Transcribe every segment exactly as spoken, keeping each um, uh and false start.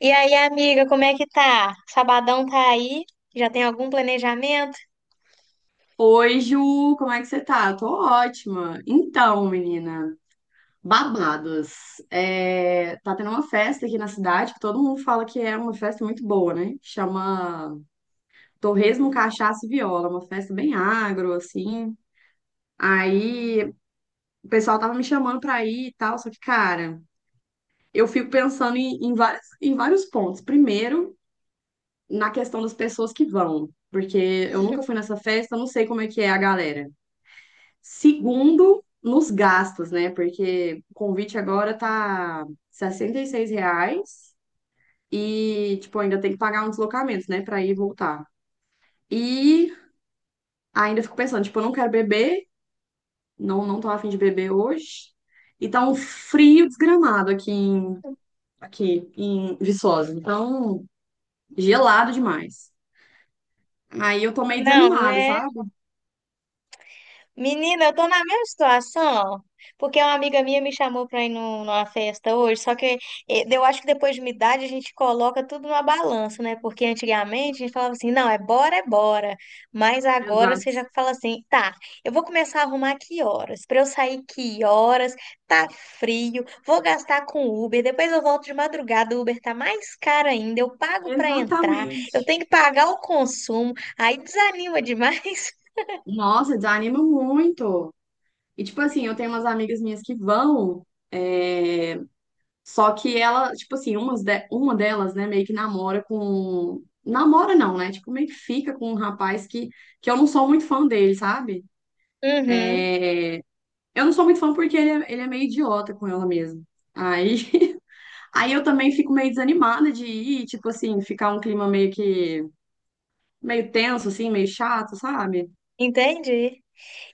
E aí, amiga, como é que tá? Sabadão tá aí? Já tem algum planejamento? Oi, Ju, como é que você tá? Tô ótima. Então, menina, babados. É, tá tendo uma festa aqui na cidade que todo mundo fala que é uma festa muito boa, né? Chama Torresmo, Cachaça e Viola, uma festa bem agro, assim. Aí o pessoal tava me chamando pra ir e tal, só que, cara, eu fico pensando em, em várias, em vários pontos. Primeiro, na questão das pessoas que vão, porque eu nunca fui nessa festa, eu não sei como é que é a galera. Segundo, nos gastos, né? Porque o convite agora tá R$ sessenta e seis reais e, tipo, ainda tem que pagar um deslocamento, né? Pra ir e voltar. E ainda fico pensando, tipo, eu não quero beber, não, não tô afim de beber hoje. E tá um frio desgramado aqui em, aqui em Viçosa. Então, gelado demais. Aí eu tô meio Não, desanimada, né? sabe? Menina, eu tô na mesma situação, porque uma amiga minha me chamou pra ir num- numa festa hoje, só que eh, eu acho que depois de uma idade a gente coloca tudo numa balança, né? Porque antigamente a gente falava assim, não, é bora, é bora. Mas agora você já Exato. fala assim, tá, eu vou começar a arrumar que horas? Pra eu sair que horas? Tá frio, vou gastar com Uber, depois eu volto de madrugada, o Uber tá mais caro ainda, eu pago pra entrar, eu Exatamente. tenho que pagar o consumo, aí desanima demais. Nossa, desanima muito. E, tipo assim, eu tenho umas amigas minhas que vão, é, só que ela, tipo assim, umas de- uma delas, né, meio que namora com. Namora não, né? Tipo, meio que fica com um rapaz que, que eu não sou muito fã dele, sabe? Uhum. Eu não sou muito fã porque ele é, ele é meio idiota com ela mesmo. Aí, aí eu também fico meio desanimada de ir, tipo assim, ficar um clima meio que. Meio tenso, assim, meio chato, sabe? Entendi.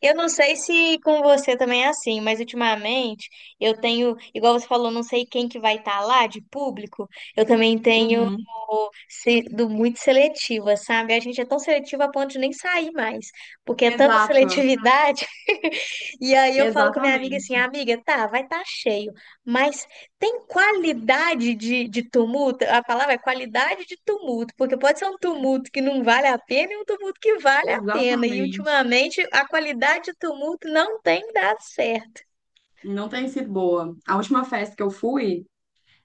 Eu não sei se com você também é assim, mas ultimamente eu tenho, igual você falou, não sei quem que vai estar lá de público. Eu também tenho Uhum. sendo muito seletiva, sabe? A gente é tão seletiva a ponto de nem sair mais, porque é tanta Exato, seletividade. E aí eu falo com a minha amiga assim, exatamente, amiga, tá, vai estar cheio, mas tem qualidade de, de tumulto? A palavra é qualidade de tumulto, porque pode ser um tumulto que não vale a pena e um tumulto que vale a pena. E exatamente. ultimamente a qualidade de tumulto não tem dado certo. Não tem sido boa. A última festa que eu fui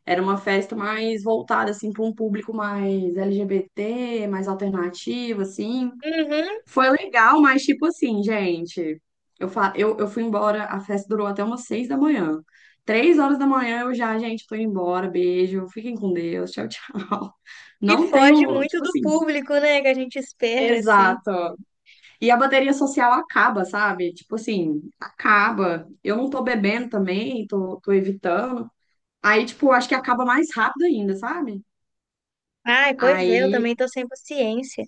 era uma festa mais voltada assim para um público mais L G B T, mais alternativo assim. Uhum, Foi legal, mas tipo assim, gente, eu, fa... eu, eu fui embora, a festa durou até umas seis da manhã. Três horas da manhã eu já, gente, tô indo embora, beijo, fiquem com Deus, tchau, tchau. que Não foge tenho, muito tipo do assim, público, né, que a gente espera, assim. exato. E a bateria social acaba, sabe? Tipo assim, acaba. Eu não tô bebendo também, tô, tô evitando. Aí, tipo, acho que acaba mais rápido ainda, sabe? Ai, pois é, eu Aí também tô sem paciência.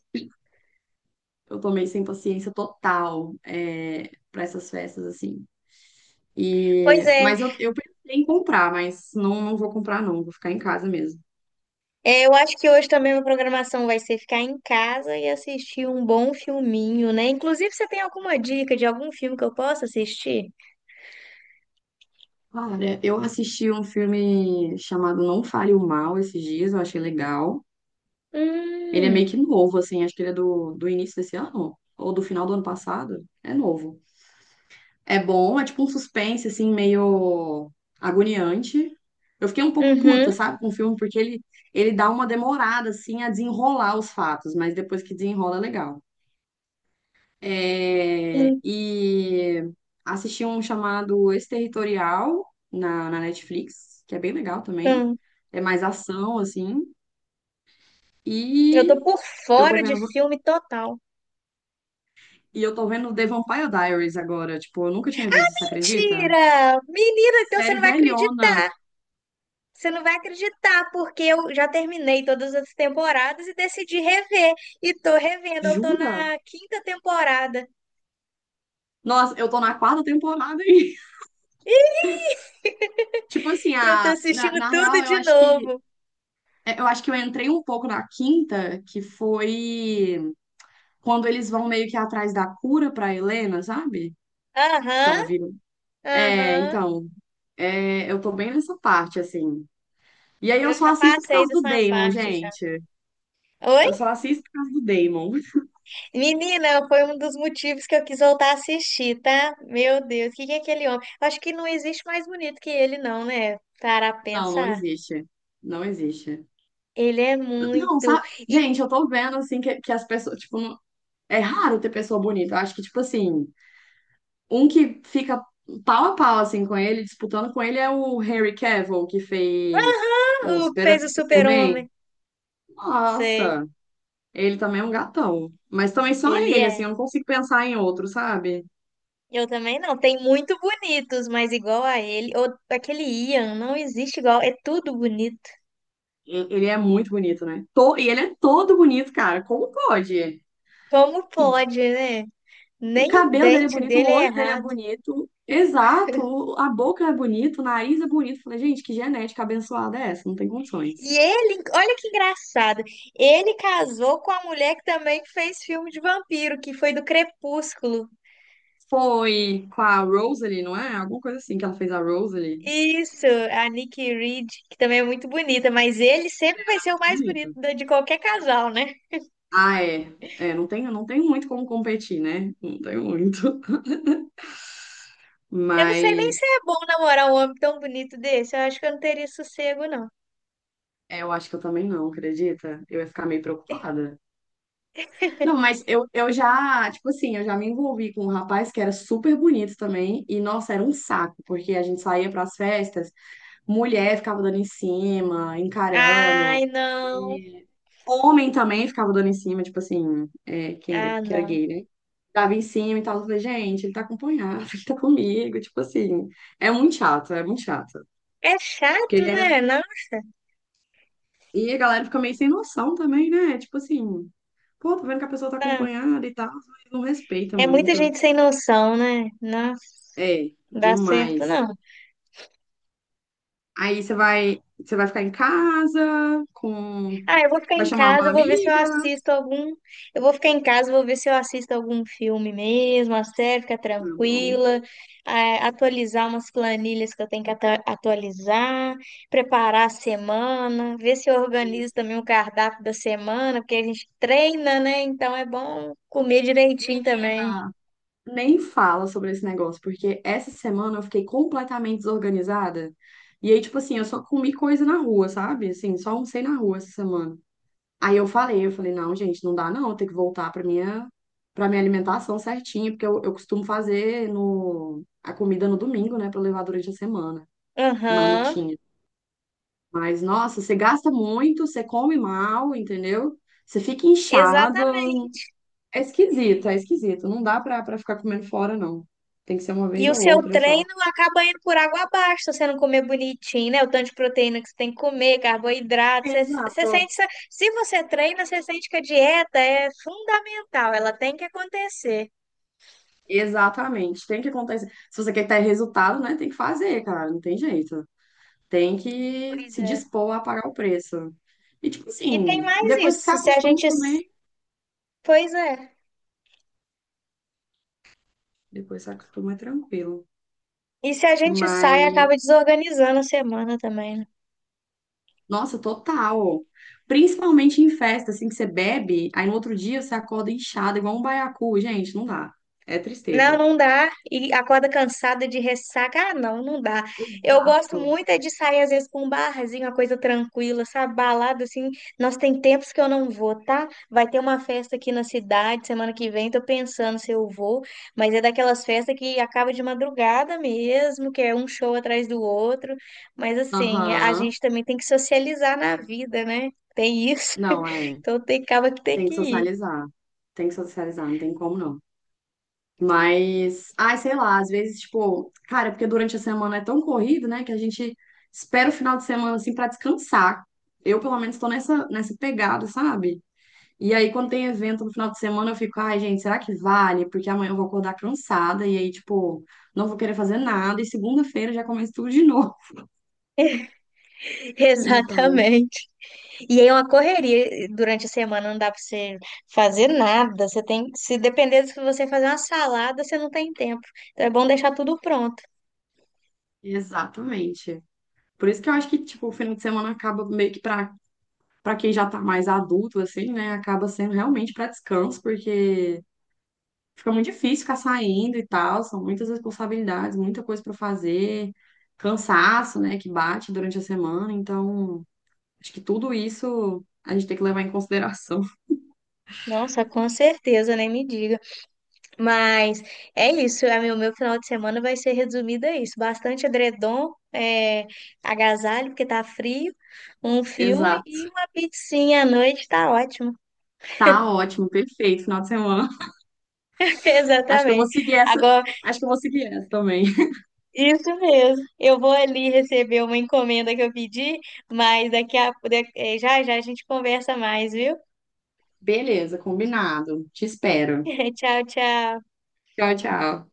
eu tomei sem paciência total é, para essas festas, assim. Pois E, é. mas eu, eu pensei em comprar, mas não, não vou comprar, não. Vou ficar em casa mesmo. É, eu acho que hoje também a programação vai ser ficar em casa e assistir um bom filminho, né? Inclusive, você tem alguma dica de algum filme que eu possa assistir? Olha, eu assisti um filme chamado Não Fale o Mal esses dias, eu achei legal. Ele é meio Hum, que novo, assim, acho que ele é do, do início desse ano, ou do final do ano passado. É novo. É bom, é tipo um suspense, assim, meio agoniante. Eu fiquei um pouco puta, uhum, sabe, com o filme, porque ele, ele dá uma demorada, assim, a desenrolar os fatos, mas depois que desenrola, é legal. É, e assisti um chamado Exterritorial na, na Netflix, que é bem legal também. então, É mais ação, assim. eu tô E por eu tô fora de vendo, filme total. e eu tô vendo The Vampire Diaries agora. Tipo, eu nunca tinha visto, você acredita? Mentira! Menina, então você Série não vai velhona, acreditar. Você não vai acreditar, porque eu já terminei todas as temporadas e decidi rever. E tô revendo, eu tô jura? na quinta temporada. Nossa, eu tô na quarta temporada aí. Tipo assim, Eu tô a, na, assistindo na tudo real, eu de acho que novo. é, eu acho que eu entrei um pouco na quinta, que foi quando eles vão meio que atrás da cura pra Helena, sabe? Que Aham. ela vira. É, Aham, então, é, eu tô bem nessa parte, assim. E aí eu eu só já assisto por passei causa do dessa Damon, parte já. gente. Oi? Eu só assisto por causa do Damon. Menina, foi um dos motivos que eu quis voltar a assistir, tá? Meu Deus, o que que é aquele homem? Acho que não existe mais bonito que ele, não, né? Para Não, não pensar. existe. Não existe. Ele é Não, muito. sabe? E Gente, eu tô vendo, assim, que, que as pessoas, tipo, não- é raro ter pessoa bonita. Eu acho que, tipo assim, um que fica pau a pau, assim, com ele, disputando com ele, é o Henry Cavill, que fez o o que Super- fez o Superman. super-homem? Sei, Nossa, ele também é um gatão. Mas também só ele ele, assim, é. eu não consigo pensar em outro, sabe? Eu também não. Tem muito bonitos, mas igual a ele. Ou aquele Ian, não existe igual. É tudo bonito. E- Ele é muito bonito, né? To- E ele é todo bonito, cara. Como pode? Como pode, né? O Nem o cabelo dele é dente bonito, o dele é olho dele é errado. bonito. Exato, o- a boca é bonita, o nariz é bonito. Falei, gente, que genética abençoada é essa? Não tem condições. E ele, olha que engraçado, ele casou com a mulher que também fez filme de vampiro, que foi do Crepúsculo. Foi com a Rosalie, não é? Alguma coisa assim que ela fez a Rosalie. Isso, a Nikki Reed, que também é muito bonita, mas ele sempre vai ser o mais bonito Bonito. da- de qualquer casal, né? Ah, é. É, não tenho, não tenho muito como competir, né? Não tenho muito. Eu não sei nem se Mas é bom namorar um homem tão bonito desse, eu acho que eu não teria sossego, não. é, eu acho que eu também não, acredita? Eu ia ficar meio preocupada. Não, mas eu, eu já, tipo assim, eu já me envolvi com um rapaz que era super bonito também. E, nossa, era um saco, porque a gente saía para as festas, mulher ficava dando em cima, encarando. Ai, não. Homem também ficava dando em cima, tipo assim, é, quem era, Ah, que era não. gay, né? Dava em cima e tal. Eu falei, gente, ele tá acompanhado, ele tá comigo. Tipo assim, é muito chato, é muito chato. É Porque chato, ele era... né? Não, E a galera fica meio sem noção também, né? Tipo assim, pô, tô vendo que a pessoa tá não. acompanhada e tal, mas não respeita É muita muito. gente sem noção, né? Não, É, dá certo, demais. não. Aí você vai, você vai ficar em casa com. Ah, eu vou ficar Vai em chamar casa, uma eu vou ver se eu amiga. assisto algum. Eu vou ficar em casa, vou ver se eu assisto algum filme mesmo, a série, ficar Tá bom. tranquila, eh, atualizar umas planilhas que eu tenho que ata- atualizar, preparar a semana, ver se eu Isso. organizo também o cardápio da semana, porque a gente treina, né? Então é bom comer direitinho também. Menina, nem fala sobre esse negócio, porque essa semana eu fiquei completamente desorganizada. E aí, tipo assim, eu só comi coisa na rua, sabe? Assim, só almocei na rua essa semana. Aí eu falei, eu falei, não, gente, não dá não, eu tenho que voltar pra minha, pra minha alimentação certinha, porque eu, eu costumo fazer no, a comida no domingo, né, pra levar durante a semana, Aham, marmitinha. Mas, nossa, você gasta muito, você come mal, entendeu? Você fica inchado, exatamente. é esquisito, é esquisito. Não dá pra, pra ficar comendo fora, não. Tem que ser uma E vez o ou seu outra só. treino acaba indo por água abaixo, se você não comer bonitinho, né? O tanto de proteína que você tem que comer, carboidrato. Você, você Exato. sente, essa- se você treina, você sente que a dieta é fundamental, ela tem que acontecer. Exatamente. Tem que acontecer. Se você quer ter resultado, né? Tem que fazer, cara. Não tem jeito. Tem que Pois se é. dispor a pagar o preço. E, tipo E tem assim, mais depois que você isso, se a acostuma gente. também. Pois é. Depois que você acostuma é tranquilo. E se a gente sai, Mas, acaba desorganizando a semana também, né? nossa, total. Principalmente em festa, assim, que você bebe, aí no outro dia você acorda inchado, igual um baiacu. Gente, não dá. É Não, tristeza. não dá. E acorda cansada de ressaca. Ah, não, não dá. Eu gosto Exato. muito é de sair, às vezes, com um barzinho, uma coisa tranquila, sabe? Balada, assim. Nós tem tempos que eu não vou, tá? Vai ter uma festa aqui na cidade semana que vem, tô pensando se eu vou, mas é daquelas festas que acaba de madrugada mesmo, que é um show atrás do outro. Mas, assim, a Aham. gente também tem que socializar na vida, né? Tem isso. Não, é. Então, tem, acaba que tem Tem que que ir. socializar. Tem que socializar, não tem como não. Mas, ai, sei lá, às vezes, tipo, cara, porque durante a semana é tão corrido, né, que a gente espera o final de semana, assim, pra descansar. Eu, pelo menos, tô nessa, nessa pegada, sabe? E aí, quando tem evento no final de semana, eu fico, ai, gente, será que vale? Porque amanhã eu vou acordar cansada, e aí, tipo, não vou querer fazer nada, e segunda-feira já começa tudo de novo. Então, Exatamente. E aí é uma correria. Durante a semana não dá pra você fazer nada. Você tem, se depender do que você fazer uma salada, você não tem tempo. Então é bom deixar tudo pronto. exatamente. Por isso que eu acho que, tipo, o final de semana acaba meio que pra para quem já tá mais adulto, assim, né, acaba sendo realmente para descanso, porque fica muito difícil ficar saindo e tal, são muitas responsabilidades, muita coisa para fazer, cansaço, né, que bate durante a semana, então acho que tudo isso a gente tem que levar em consideração. Nossa, com certeza, nem me diga. Mas é isso. É, meu, meu final de semana vai ser resumido a isso. Bastante edredom, é, agasalho, porque tá frio, um filme Exato. e uma pizzinha à noite, tá ótimo. Tá ótimo, perfeito, final de semana. Acho que eu vou Exatamente. seguir essa, Agora acho que eu vou seguir essa também. isso mesmo. Eu vou ali receber uma encomenda que eu pedi, mas daqui a, da- eh, já já a gente conversa mais, viu? Beleza, combinado. Te espero. Tchau, tchau. Tchau, tchau.